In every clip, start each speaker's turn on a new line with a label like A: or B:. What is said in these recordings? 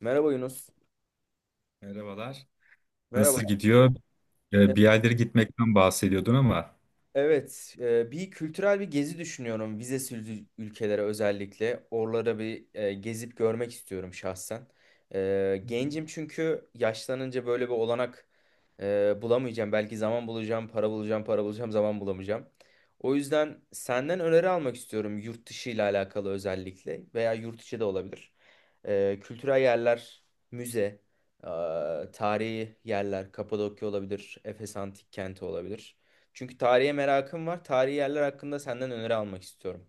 A: Merhaba Yunus.
B: Merhabalar.
A: Merhaba.
B: Nasıl gidiyor?
A: E-
B: Bir yerlere gitmekten bahsediyordun ama
A: Bir kültürel bir gezi düşünüyorum vizesiz ülkelere özellikle. Oralara gezip görmek istiyorum şahsen.
B: Hmm.
A: Gencim, çünkü yaşlanınca böyle bir olanak bulamayacağım. Belki zaman bulacağım, para bulacağım, para bulacağım, zaman bulamayacağım. O yüzden senden öneri almak istiyorum yurt dışı ile alakalı, özellikle veya yurt içi de olabilir. Kültürel yerler, müze, e, tarihi yerler, Kapadokya olabilir, Efes Antik Kenti olabilir. Çünkü tarihe merakım var. Tarihi yerler hakkında senden öneri almak istiyorum.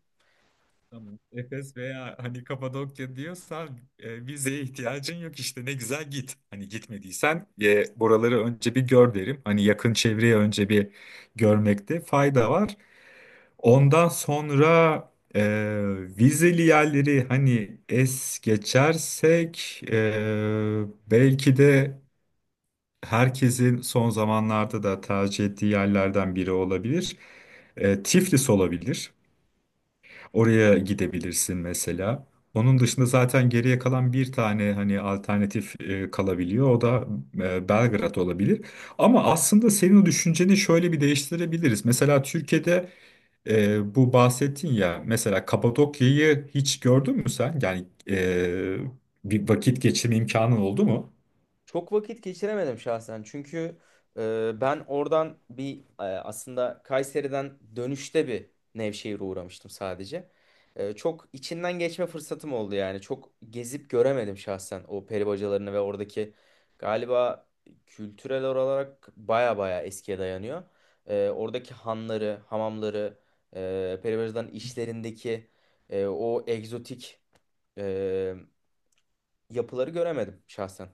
B: Tamam. Efes veya hani Kapadokya diyorsan vizeye ihtiyacın yok işte ne güzel git. Hani gitmediysen buraları önce bir gör derim. Hani yakın çevreyi önce bir görmekte fayda var. Ondan sonra e, vizeli yerleri hani es geçersek belki de herkesin son zamanlarda da tercih ettiği yerlerden biri olabilir. Tiflis olabilir. Oraya gidebilirsin mesela. Onun dışında zaten geriye kalan bir tane hani alternatif kalabiliyor. O da Belgrad olabilir. Ama aslında senin o düşünceni şöyle bir değiştirebiliriz. Mesela Türkiye'de bu bahsettin ya mesela Kapadokya'yı hiç gördün mü sen? Yani bir vakit geçirme imkanın oldu mu?
A: Çok vakit geçiremedim şahsen. Çünkü ben oradan aslında Kayseri'den dönüşte bir Nevşehir'e uğramıştım sadece. Çok içinden geçme fırsatım oldu yani. Çok gezip göremedim şahsen o peri bacalarını ve oradaki galiba kültürel olarak baya baya eskiye dayanıyor. Oradaki hanları, hamamları, peri bacaların işlerindeki o egzotik e, yapıları göremedim şahsen.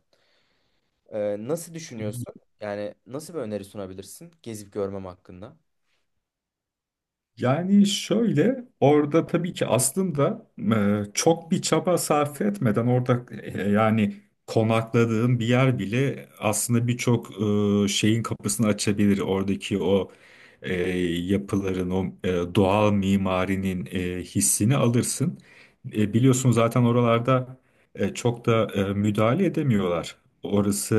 A: Nasıl düşünüyorsun? Yani nasıl bir öneri sunabilirsin gezip görmem hakkında?
B: Yani şöyle orada tabii ki aslında çok bir çaba sarf etmeden orada yani konakladığın bir yer bile aslında birçok şeyin kapısını açabilir. Oradaki o e, yapıların, o doğal mimarinin hissini alırsın. E, biliyorsun zaten oralarda çok da müdahale edemiyorlar. Orası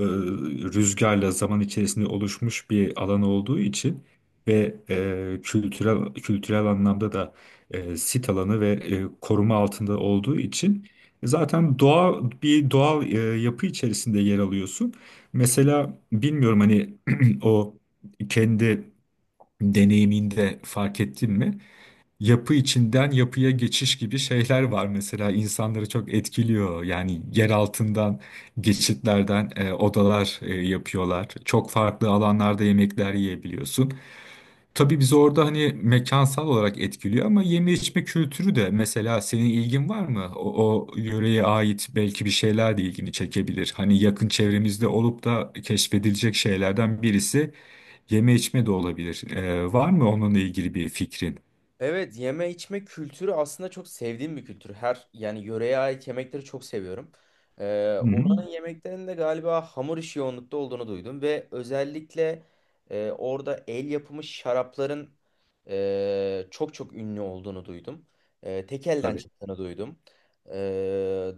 B: e, rüzgarla zaman içerisinde oluşmuş bir alan olduğu için ve kültürel anlamda da sit alanı ve koruma altında olduğu için zaten doğal bir yapı içerisinde yer alıyorsun. Mesela bilmiyorum hani o kendi deneyiminde fark ettin mi? Yapı içinden yapıya geçiş gibi şeyler var mesela insanları çok etkiliyor. Yani yer altından geçitlerden odalar yapıyorlar. Çok farklı alanlarda yemekler yiyebiliyorsun. Tabii bizi orada hani mekansal olarak etkiliyor ama yeme içme kültürü de mesela senin ilgin var mı? O yöreye ait belki bir şeyler de ilgini çekebilir. Hani yakın çevremizde olup da keşfedilecek şeylerden birisi yeme içme de olabilir. E, var mı onunla ilgili bir fikrin?
A: Evet, yeme içme kültürü aslında çok sevdiğim bir kültür. Her yani yöreye ait yemekleri çok seviyorum.
B: Hı hı.
A: Oranın yemeklerinde galiba hamur işi yoğunlukta olduğunu duydum ve özellikle orada el yapımı şarapların çok çok ünlü olduğunu duydum. Tek elden
B: Tabii.
A: çıktığını duydum. E,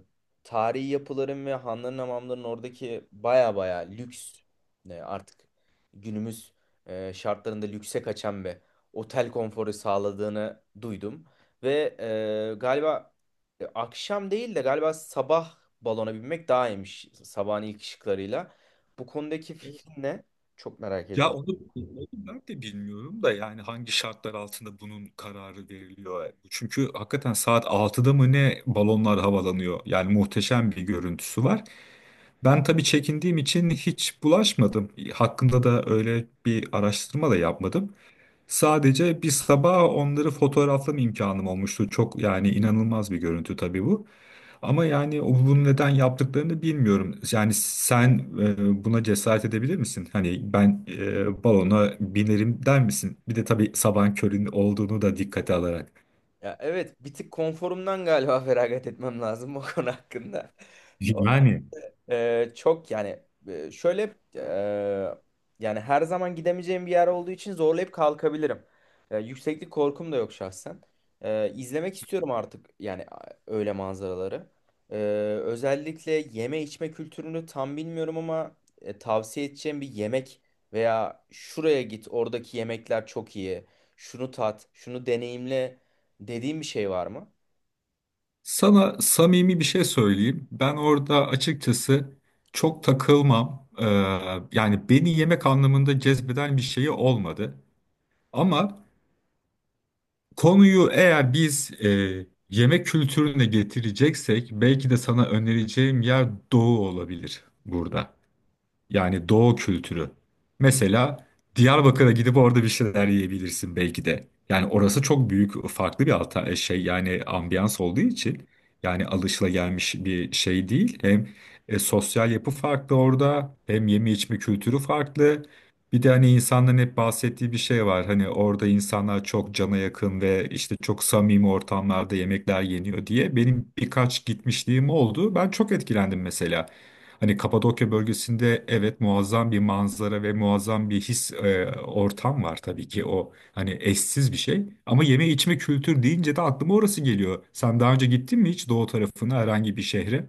A: Tarihi yapıların ve hanların, hamamların oradaki baya baya lüks, artık günümüz şartlarında lükse kaçan bir otel konforu sağladığını duydum. Ve galiba, akşam değil de galiba sabah balona binmek daha iyiymiş, sabahın ilk ışıklarıyla. Bu konudaki fikrin ne? Çok merak
B: Ya
A: ediyorum.
B: onu, Onu ben de bilmiyorum da yani hangi şartlar altında bunun kararı veriliyor. Çünkü hakikaten saat altıda mı ne balonlar havalanıyor. Yani muhteşem bir görüntüsü var. Ben tabii çekindiğim için hiç bulaşmadım. Hakkında da öyle bir araştırma da yapmadım. Sadece bir sabah onları fotoğraflama imkanım olmuştu. Çok yani inanılmaz bir görüntü tabii bu. Ama yani bunu neden yaptıklarını bilmiyorum. Yani sen buna cesaret edebilir misin? Hani ben balona binerim der misin? Bir de tabii sabahın körün olduğunu da dikkate alarak.
A: Ya evet, bir tık konforumdan galiba feragat etmem lazım bu konu hakkında.
B: Yani
A: Çok yani, e, şöyle e, yani her zaman gidemeyeceğim bir yer olduğu için zorlayıp kalkabilirim. Yükseklik korkum da yok şahsen. İzlemek istiyorum artık yani öyle manzaraları. E, Özellikle yeme içme kültürünü tam bilmiyorum ama tavsiye edeceğim bir yemek veya şuraya git, oradaki yemekler çok iyi. Şunu tat, şunu deneyimle dediğim bir şey var mı?
B: sana samimi bir şey söyleyeyim. Ben orada açıkçası çok takılmam. Yani beni yemek anlamında cezbeden bir şeyi olmadı. Ama konuyu eğer biz yemek kültürüne getireceksek belki de sana önereceğim yer doğu olabilir burada. Yani doğu kültürü. Mesela Diyarbakır'a gidip orada bir şeyler yiyebilirsin belki de. Yani orası çok büyük farklı bir alta şey yani ambiyans olduğu için yani alışılagelmiş bir şey değil. Hem sosyal yapı farklı orada hem yeme içme kültürü farklı. Bir de hani insanların hep bahsettiği bir şey var. Hani orada insanlar çok cana yakın ve işte çok samimi ortamlarda yemekler yeniyor diye. Benim birkaç gitmişliğim oldu. Ben çok etkilendim mesela. Hani Kapadokya bölgesinde evet muazzam bir manzara ve muazzam bir his ortam var tabii ki o hani eşsiz bir şey. Ama yeme içme kültür deyince de aklıma orası geliyor. Sen daha önce gittin mi hiç doğu tarafına herhangi bir şehre?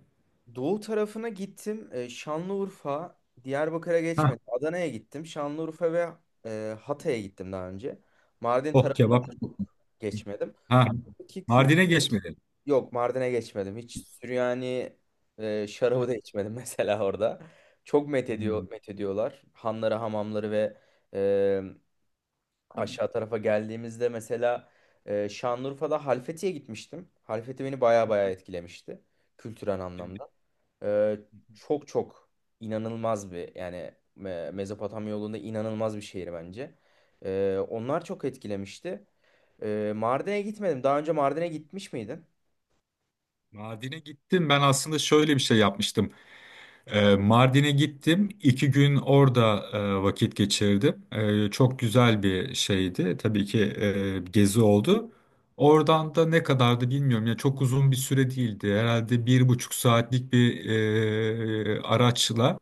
A: Doğu tarafına gittim. Şanlıurfa, Diyarbakır'a
B: Ha.
A: geçmedim. Adana'ya gittim. Şanlıurfa ve Hatay'a gittim daha önce. Mardin
B: Oh
A: tarafına
B: kebap.
A: da çok geçmedim.
B: Ha,
A: Ki kül
B: Mardin'e geçmedin.
A: Yok, Mardin'e geçmedim. Hiç Süryani
B: Ha.
A: şarabı da içmedim mesela orada. Çok
B: Hmm.
A: methediyor, methediyorlar. Hanları, hamamları ve e, aşağı tarafa geldiğimizde mesela Şanlıurfa'da Halfeti'ye gitmiştim. Halfeti beni baya baya etkilemişti kültürel anlamda. Ee, Çok çok inanılmaz bir yani Mezopotamya yolunda inanılmaz bir şehir bence. Onlar çok etkilemişti. Mardin'e gitmedim. Daha önce Mardin'e gitmiş miydin?
B: Mardin'e gittim. Ben aslında şöyle bir şey yapmıştım. Mardin'e gittim. İki gün orada vakit geçirdim. E, çok güzel bir şeydi. Tabii ki gezi oldu. Oradan da ne kadardı bilmiyorum. Ya çok uzun bir süre değildi. Herhalde bir buçuk saatlik bir araçla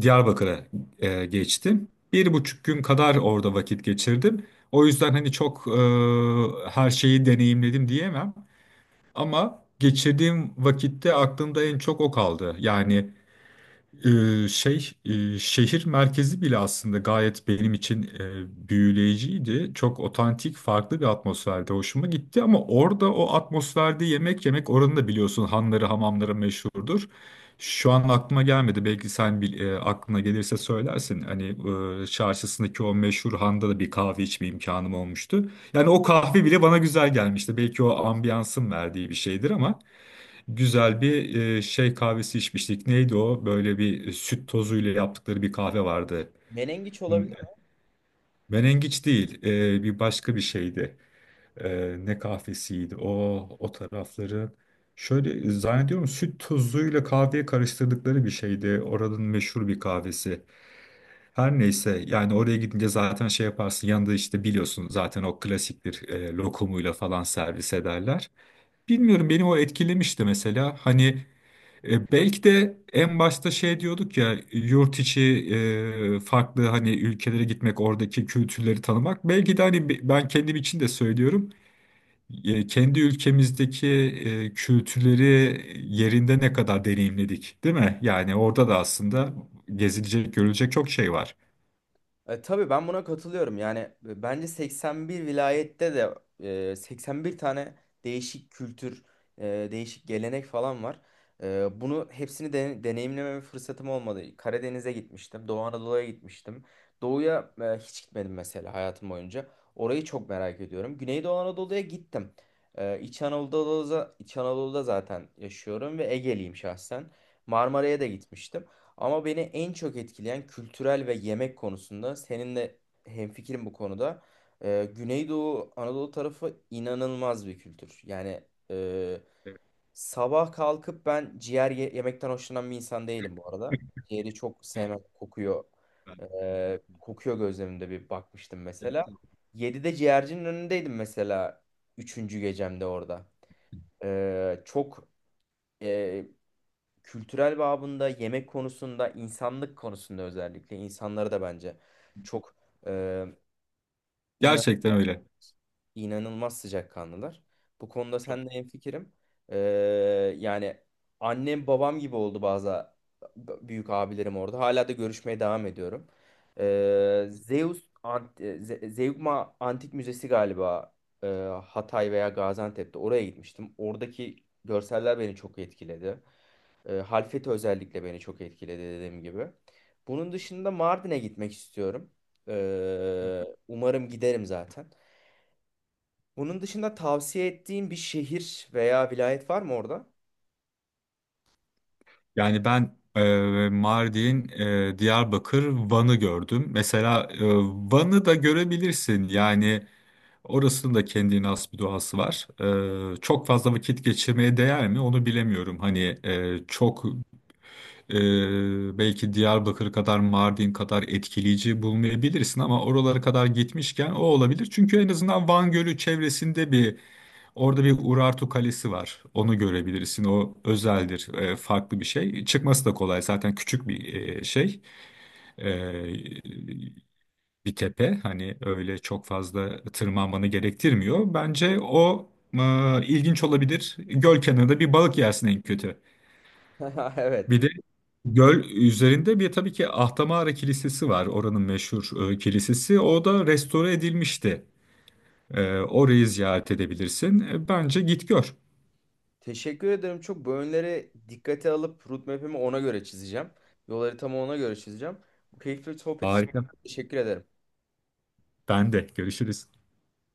B: Diyarbakır'a geçtim. Bir buçuk gün kadar orada vakit geçirdim. O yüzden hani çok her şeyi deneyimledim diyemem. Ama geçirdiğim vakitte aklımda en çok o kaldı. Yani. Şehir merkezi bile aslında gayet benim için büyüleyiciydi. Çok otantik, farklı bir atmosferde hoşuma gitti ama orada o atmosferde yemek yemek oranın da biliyorsun hanları, hamamları meşhurdur. Şu an aklıma gelmedi. Belki sen aklına gelirse söylersin. Hani çarşısındaki o meşhur handa da bir kahve içme imkanım olmuştu. Yani o kahve bile bana güzel gelmişti. Belki o ambiyansın verdiği bir şeydir ama güzel bir şey kahvesi içmiştik. Neydi o? Böyle bir süt tozuyla yaptıkları bir kahve vardı.
A: Menengiç
B: M-
A: olabilir.
B: Menengiç değil, bir başka bir şeydi. E, ne kahvesiydi? O tarafları. Şöyle zannediyorum süt tozuyla kahveye karıştırdıkları bir şeydi. Oranın meşhur bir kahvesi. Her neyse yani oraya gidince zaten şey yaparsın yanında işte biliyorsun zaten o klasiktir lokumuyla falan servis ederler. Bilmiyorum beni o etkilemişti mesela hani belki de en başta şey diyorduk ya yurt içi farklı hani ülkelere gitmek oradaki kültürleri tanımak. Belki de hani ben kendim için de söylüyorum kendi ülkemizdeki kültürleri yerinde ne kadar deneyimledik değil mi? Yani orada da aslında gezilecek görülecek çok şey var.
A: Tabii ben buna katılıyorum. Yani bence 81 vilayette de 81 tane değişik kültür, değişik gelenek falan var. Bunu hepsini de deneyimleme fırsatım olmadı. Karadeniz'e gitmiştim, Doğu Anadolu'ya gitmiştim. Doğu'ya hiç gitmedim mesela hayatım boyunca. Orayı çok merak ediyorum. Güneydoğu Anadolu'ya gittim. İç Anadolu'da, İç Anadolu'da zaten yaşıyorum ve Ege'liyim şahsen. Marmara'ya da gitmiştim. Ama beni en çok etkileyen kültürel ve yemek konusunda seninle hemfikirim bu konuda. Güneydoğu Anadolu tarafı inanılmaz bir kültür. Yani e,
B: Evet.
A: sabah kalkıp, ben ciğer yemekten hoşlanan bir insan değilim bu arada. Ciğeri çok sevmem, kokuyor. Kokuyor, gözlerimde bir bakmıştım
B: Evet.
A: mesela. 7'de ciğercinin önündeydim mesela, üçüncü gecemde orada. Çok e, kültürel babında, yemek konusunda, insanlık konusunda, özellikle insanları da bence çok, e, inan
B: Gerçekten öyle.
A: inanılmaz sıcakkanlılar. Bu konuda
B: Çok.
A: sen de hemfikirim. E, Yani annem babam gibi oldu bazı büyük abilerim orada. Hala da görüşmeye devam ediyorum. E, Zeus Ant e, Ze- Zeugma Antik Müzesi galiba e, Hatay veya Gaziantep'te, oraya gitmiştim. Oradaki görseller beni çok etkiledi. Halfeti özellikle beni çok etkiledi dediğim gibi. Bunun dışında Mardin'e gitmek istiyorum. Umarım giderim zaten. Bunun dışında tavsiye ettiğin bir şehir veya vilayet var mı orada?
B: Yani ben Mardin, Diyarbakır, Van'ı gördüm. Mesela Van'ı da görebilirsin. Yani orasının da kendine has bir doğası var. E, çok fazla vakit geçirmeye değer mi? Onu bilemiyorum. Hani çok belki Diyarbakır kadar, Mardin kadar etkileyici bulmayabilirsin ama oralara kadar gitmişken o olabilir. Çünkü en azından Van Gölü çevresinde bir orada bir Urartu Kalesi var. Onu görebilirsin. O özeldir. E, farklı bir şey. Çıkması da kolay. Zaten küçük bir şey. E, bir tepe. Hani öyle çok fazla tırmanmanı gerektirmiyor. Bence o ilginç olabilir. Göl kenarında bir balık yersin en kötü. Bir de
A: Evet.
B: göl üzerinde bir tabii ki Ahtamara Kilisesi var. Oranın meşhur kilisesi. O da restore edilmişti. E, orayı ziyaret edebilirsin. E, bence git gör.
A: Teşekkür ederim. Çok bu önleri dikkate alıp roadmap'imi ona göre çizeceğim. Yol haritamı ona göre çizeceğim. Bu keyifli sohbet için
B: Harika.
A: teşekkür ederim.
B: Ben de. Görüşürüz.